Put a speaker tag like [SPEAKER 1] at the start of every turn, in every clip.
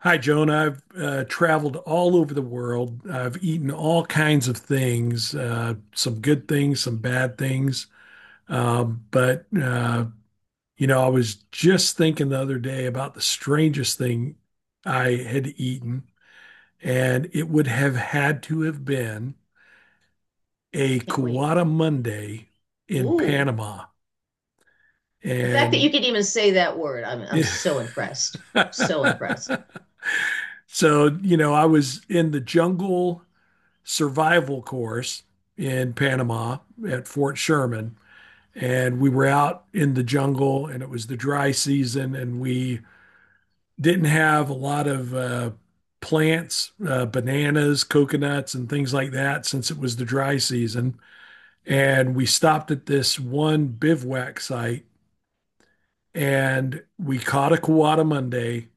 [SPEAKER 1] Hi, Joan. I've traveled all over the world. I've eaten all kinds of things, some good things, some bad things. Um, but, uh, I was just thinking the other day about the strangest thing I had eaten, and it would have had to have been a
[SPEAKER 2] I can't wait.
[SPEAKER 1] Cuata Monday in
[SPEAKER 2] Ooh.
[SPEAKER 1] Panama.
[SPEAKER 2] The fact that you
[SPEAKER 1] And
[SPEAKER 2] could even say that word, I'm so impressed. So impressed.
[SPEAKER 1] I was in the jungle. Survival course in Panama at Fort Sherman. And we were out in the jungle and it was the dry season and we didn't have a lot of plants, bananas, coconuts, and things like that since it was the dry season. And we stopped at this one bivouac site and we caught a Kawada Monday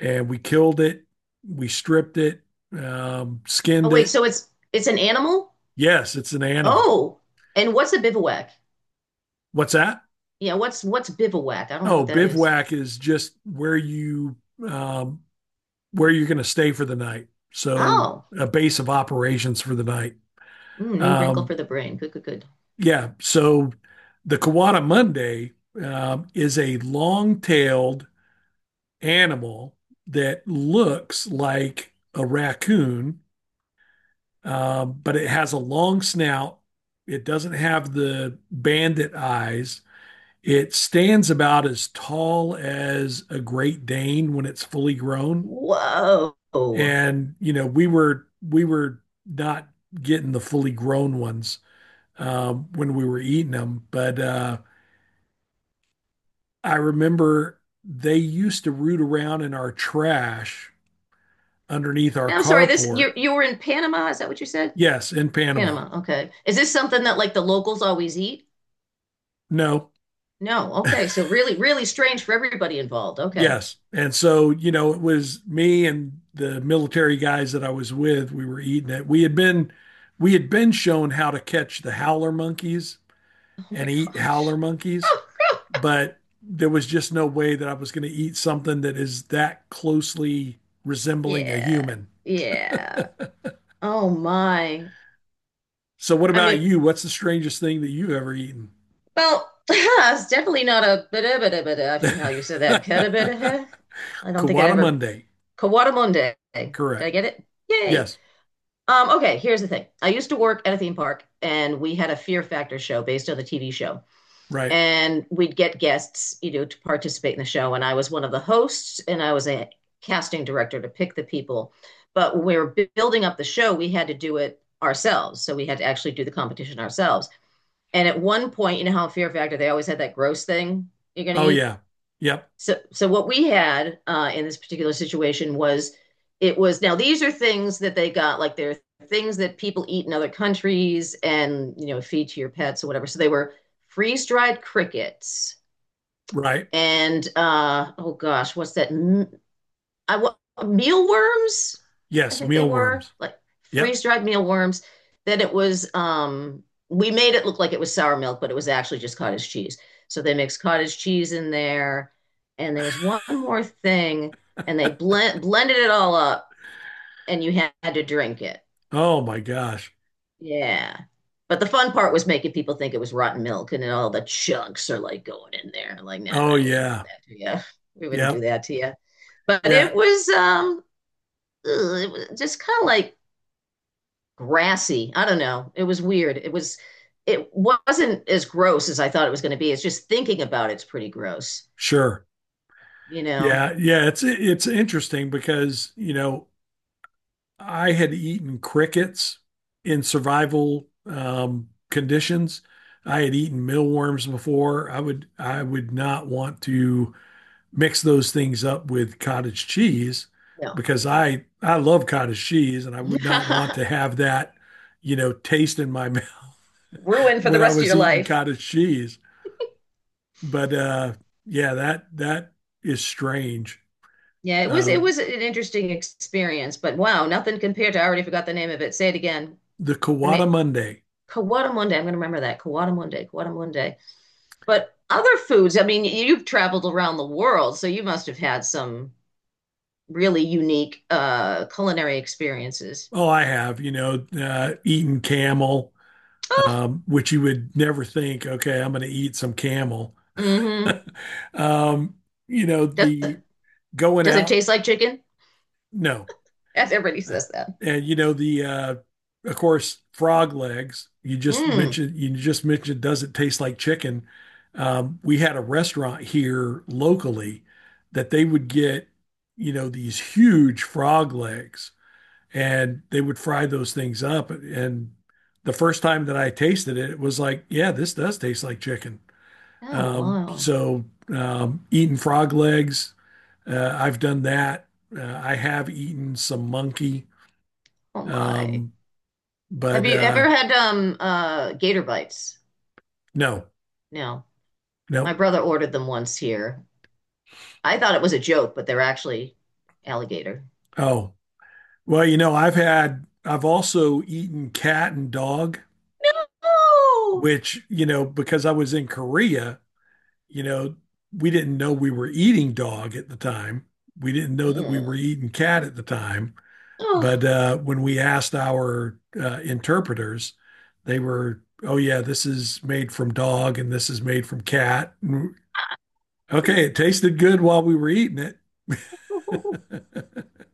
[SPEAKER 1] and we killed it. We stripped it,
[SPEAKER 2] Oh
[SPEAKER 1] skinned
[SPEAKER 2] wait,
[SPEAKER 1] it.
[SPEAKER 2] so it's an animal?
[SPEAKER 1] Yes, it's an animal.
[SPEAKER 2] Oh. And what's a bivouac?
[SPEAKER 1] What's that?
[SPEAKER 2] Yeah, what's bivouac? I don't know
[SPEAKER 1] Oh,
[SPEAKER 2] what that is.
[SPEAKER 1] bivouac is just where you um, where you're going to stay for the night. So
[SPEAKER 2] Oh.
[SPEAKER 1] a base of operations for the night.
[SPEAKER 2] Mm, new wrinkle
[SPEAKER 1] Um,
[SPEAKER 2] for the brain. Good, good, good.
[SPEAKER 1] yeah. So the Kawada Monday is a long-tailed animal that looks like a raccoon, but it has a long snout. It doesn't have the bandit eyes. It stands about as tall as a Great Dane when it's fully grown,
[SPEAKER 2] Whoa.
[SPEAKER 1] and you know, we were not getting the fully grown ones when we were eating them. But I remember they used to root around in our trash underneath our
[SPEAKER 2] And I'm sorry, this
[SPEAKER 1] carport.
[SPEAKER 2] you were in Panama, is that what you said?
[SPEAKER 1] Yes, in Panama.
[SPEAKER 2] Panama. Okay. Is this something that like the locals always eat?
[SPEAKER 1] No,
[SPEAKER 2] No. Okay. So really, really strange for everybody involved. Okay.
[SPEAKER 1] yes. And so, you know, it was me and the military guys that I was with, we were eating it. We had been shown how to catch the howler monkeys
[SPEAKER 2] Oh my
[SPEAKER 1] and eat howler
[SPEAKER 2] gosh.
[SPEAKER 1] monkeys,
[SPEAKER 2] Oh,
[SPEAKER 1] but there was just no way that I was going to eat something that is that closely resembling a
[SPEAKER 2] yeah.
[SPEAKER 1] human.
[SPEAKER 2] Yeah. Oh my.
[SPEAKER 1] So, what
[SPEAKER 2] I
[SPEAKER 1] about
[SPEAKER 2] mean,
[SPEAKER 1] you? What's the strangest thing that you've ever eaten?
[SPEAKER 2] well, it's definitely not a bada bada bada. I forget how you said that. Katabata. I don't think I'd
[SPEAKER 1] Kawada
[SPEAKER 2] ever
[SPEAKER 1] Monday.
[SPEAKER 2] Kawadamunde. Did I
[SPEAKER 1] Correct.
[SPEAKER 2] get it? Yay.
[SPEAKER 1] Yes.
[SPEAKER 2] Okay, here's the thing. I used to work at a theme park and we had a Fear Factor show based on the TV show.
[SPEAKER 1] Right.
[SPEAKER 2] And we'd get guests, you know, to participate in the show. And I was one of the hosts, and I was a casting director to pick the people. But when we were building up the show, we had to do it ourselves. So we had to actually do the competition ourselves. And at one point, you know how Fear Factor they always had that gross thing you're going to
[SPEAKER 1] Oh,
[SPEAKER 2] eat.
[SPEAKER 1] yeah. Yep.
[SPEAKER 2] So what we had in this particular situation was it was, now these are things that they got, like, they're things that people eat in other countries and you know feed to your pets or whatever. So they were freeze dried crickets
[SPEAKER 1] Right.
[SPEAKER 2] and oh gosh, what's that? I what, mealworms. I
[SPEAKER 1] Yes.
[SPEAKER 2] think they were
[SPEAKER 1] Mealworms.
[SPEAKER 2] like
[SPEAKER 1] Yep.
[SPEAKER 2] freeze-dried mealworms. Then it was we made it look like it was sour milk, but it was actually just cottage cheese. So they mixed cottage cheese in there, and there was one more thing, and they blended it all up, and you had to drink it.
[SPEAKER 1] Oh, my gosh.
[SPEAKER 2] Yeah. But the fun part was making people think it was rotten milk and then all the chunks are like going in there. Like, nah,
[SPEAKER 1] Oh,
[SPEAKER 2] we didn't do
[SPEAKER 1] yeah.
[SPEAKER 2] that to you. We wouldn't do
[SPEAKER 1] Yep.
[SPEAKER 2] that to you. But
[SPEAKER 1] Yeah.
[SPEAKER 2] it was ugh, it was just kind of like grassy. I don't know. It was weird. It was, it wasn't as gross as I thought it was going to be. It's just thinking about it's pretty gross,
[SPEAKER 1] Sure.
[SPEAKER 2] you know.
[SPEAKER 1] Yeah. Yeah. It's interesting because, you know, I had eaten crickets in survival conditions. I had eaten mealworms before. I would not want to mix those things up with cottage cheese
[SPEAKER 2] No.
[SPEAKER 1] because I love cottage cheese and I would not want to have that, you know, taste in my mouth
[SPEAKER 2] Ruin for the
[SPEAKER 1] when I
[SPEAKER 2] rest of
[SPEAKER 1] was
[SPEAKER 2] your
[SPEAKER 1] eating
[SPEAKER 2] life.
[SPEAKER 1] cottage cheese. But yeah, that is strange.
[SPEAKER 2] Yeah, it was,
[SPEAKER 1] Uh,
[SPEAKER 2] it was an interesting experience, but wow, nothing compared to, I already forgot the name of it. Say it again.
[SPEAKER 1] the
[SPEAKER 2] The name
[SPEAKER 1] Kawada Monday.
[SPEAKER 2] Kawadamunde. I'm going to remember that. Kawadamunde, Kawadamunde. But other foods, I mean, you've traveled around the world, so you must have had some really unique culinary experiences.
[SPEAKER 1] Oh, I have, you know, eaten camel,
[SPEAKER 2] Oh,
[SPEAKER 1] which you would never think, okay, I'm going to eat some camel.
[SPEAKER 2] mm-hmm.
[SPEAKER 1] Um, you know,
[SPEAKER 2] Does,
[SPEAKER 1] the going
[SPEAKER 2] does it
[SPEAKER 1] out,
[SPEAKER 2] taste like chicken?
[SPEAKER 1] no.
[SPEAKER 2] Yes, everybody says that.
[SPEAKER 1] And you know, the of course, frog legs, you just
[SPEAKER 2] Mm.
[SPEAKER 1] mentioned you just mentioned does it taste like chicken? We had a restaurant here locally that they would get, you know, these huge frog legs, and they would fry those things up. And the first time that I tasted it, it was like, yeah, this does taste like chicken.
[SPEAKER 2] Oh,
[SPEAKER 1] Um,
[SPEAKER 2] wow.
[SPEAKER 1] so um, eating frog legs, I've done that. I have eaten some monkey,
[SPEAKER 2] Oh, my.
[SPEAKER 1] um,
[SPEAKER 2] Have
[SPEAKER 1] but
[SPEAKER 2] you ever had gator bites?
[SPEAKER 1] no,
[SPEAKER 2] No. My
[SPEAKER 1] no.
[SPEAKER 2] brother ordered them once here. I thought it was a joke, but they're actually alligator.
[SPEAKER 1] Oh, well, you know, I've had, I've also eaten cat and dog,
[SPEAKER 2] Oh,
[SPEAKER 1] which, you know, because I was in Korea, you know, we didn't know we were eating dog at the time. We didn't know that we were
[SPEAKER 2] mm.
[SPEAKER 1] eating cat at the time.
[SPEAKER 2] Oh.
[SPEAKER 1] But when we asked our interpreters, they were, oh, yeah, this is made from dog and this is made from cat. Okay, it tasted good while we were eating it.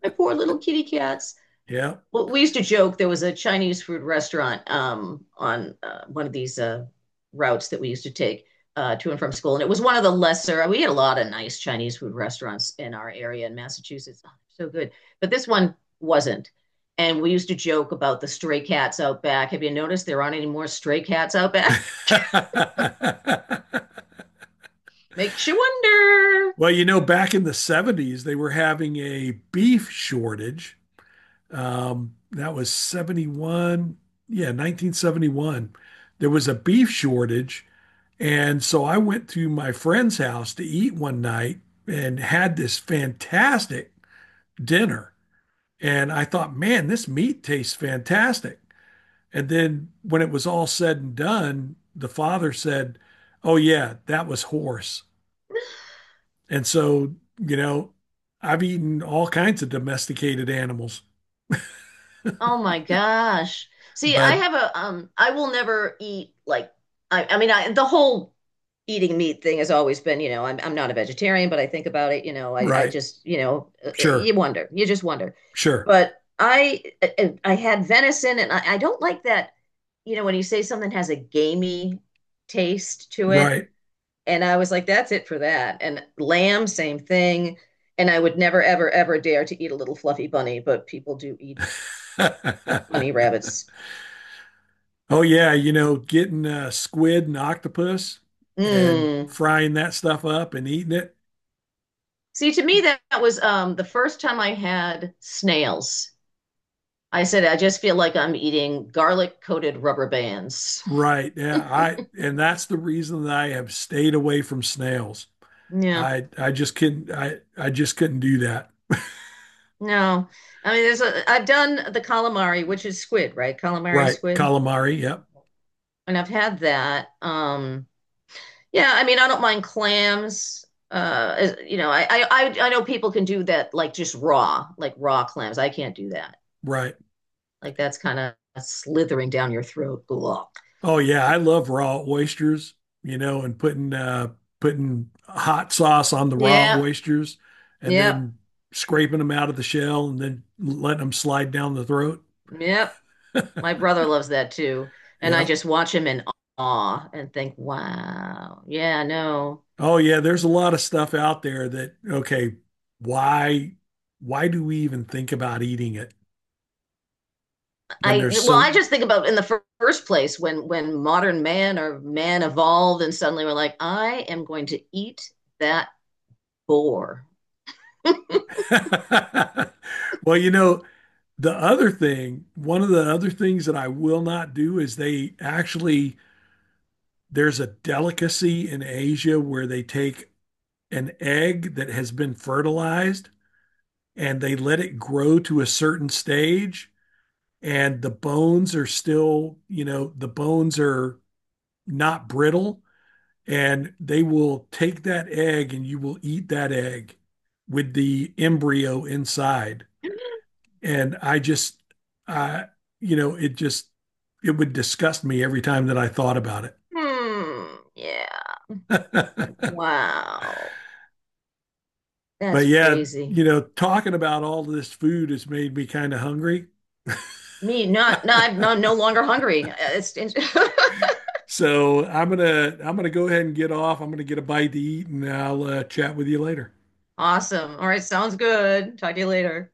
[SPEAKER 2] My poor little kitty cats.
[SPEAKER 1] Yeah.
[SPEAKER 2] Well, we used to joke there was a Chinese food restaurant on one of these routes that we used to take to and from school, and it was one of the lesser. We had a lot of nice Chinese food restaurants in our area in Massachusetts. Oh, so good, but this one wasn't. And we used to joke about the stray cats out back. Have you noticed there aren't any more stray cats out back? Makes you wonder.
[SPEAKER 1] Well, you know, back in the 70s, they were having a beef shortage. That was 71. Yeah, 1971. There was a beef shortage. And so I went to my friend's house to eat one night and had this fantastic dinner. And I thought, man, this meat tastes fantastic. And then when it was all said and done, the father said, oh, yeah, that was horse. And so, you know, I've eaten all kinds of domesticated animals,
[SPEAKER 2] Oh my gosh. See, I
[SPEAKER 1] but
[SPEAKER 2] have a I will never eat like, I mean I the whole eating meat thing has always been, you know, I'm not a vegetarian, but I think about it, you know, I
[SPEAKER 1] right,
[SPEAKER 2] just, you know,
[SPEAKER 1] sure,
[SPEAKER 2] you wonder. You just wonder.
[SPEAKER 1] sure.
[SPEAKER 2] But I had venison and, I don't like that, you know, when you say something has a gamey taste to it.
[SPEAKER 1] Right.
[SPEAKER 2] And I was like, that's it for that. And lamb, same thing. And I would never, ever, ever dare to eat a little fluffy bunny, but people do eat bunny rabbits.
[SPEAKER 1] Oh yeah, you know, getting squid and octopus and
[SPEAKER 2] Mm.
[SPEAKER 1] frying that stuff up and eating it.
[SPEAKER 2] See, to me, that, was the first time I had snails. I said, I just feel like I'm eating garlic coated rubber bands.
[SPEAKER 1] Right. Yeah, I and that's the reason that I have stayed away from snails.
[SPEAKER 2] Yeah,
[SPEAKER 1] I just couldn't I just couldn't do that.
[SPEAKER 2] no. I mean, there's a, I've done the calamari, which is squid, right? Calamari
[SPEAKER 1] Right.
[SPEAKER 2] squid.
[SPEAKER 1] Calamari, yep.
[SPEAKER 2] And I've had that. Yeah, I mean, I don't mind clams. As- you know, I know people can do that, like just raw, like raw clams. I can't do that.
[SPEAKER 1] Right.
[SPEAKER 2] Like that's kind of slithering down your throat. Ugh.
[SPEAKER 1] Oh yeah, I love raw oysters, you know, and putting hot sauce on the raw
[SPEAKER 2] Yeah,
[SPEAKER 1] oysters and
[SPEAKER 2] yep,
[SPEAKER 1] then scraping them out of the shell and then letting them slide down the throat.
[SPEAKER 2] yep. My brother loves that too. And I
[SPEAKER 1] Yeah.
[SPEAKER 2] just watch him in awe and think, wow, yeah, no.
[SPEAKER 1] Oh yeah, there's a lot of stuff out there that okay, why why do we even think about eating it when
[SPEAKER 2] I
[SPEAKER 1] there's
[SPEAKER 2] well,
[SPEAKER 1] so
[SPEAKER 2] I just think about in the fir- first place when modern man or man evolved and suddenly we're like, I am going to eat that boar.
[SPEAKER 1] Well, you know, the other thing, one of the other things that I will not do is they actually there's a delicacy in Asia where they take an egg that has been fertilized and they let it grow to a certain stage and the bones are still, you know, the bones are not brittle, and they will take that egg and you will eat that egg with the embryo inside. And I just, I, you know, it just, it would disgust me every time that I thought about
[SPEAKER 2] Hmm, yeah.
[SPEAKER 1] it.
[SPEAKER 2] Wow. That's
[SPEAKER 1] But yeah,
[SPEAKER 2] crazy.
[SPEAKER 1] you know, talking about all this food has made me kind of hungry.
[SPEAKER 2] Me, not not I'm no, no longer hungry. It's
[SPEAKER 1] So I'm gonna go ahead and get off. I'm gonna get a bite to eat, and I'll chat with you later.
[SPEAKER 2] awesome. All right, sounds good. Talk to you later.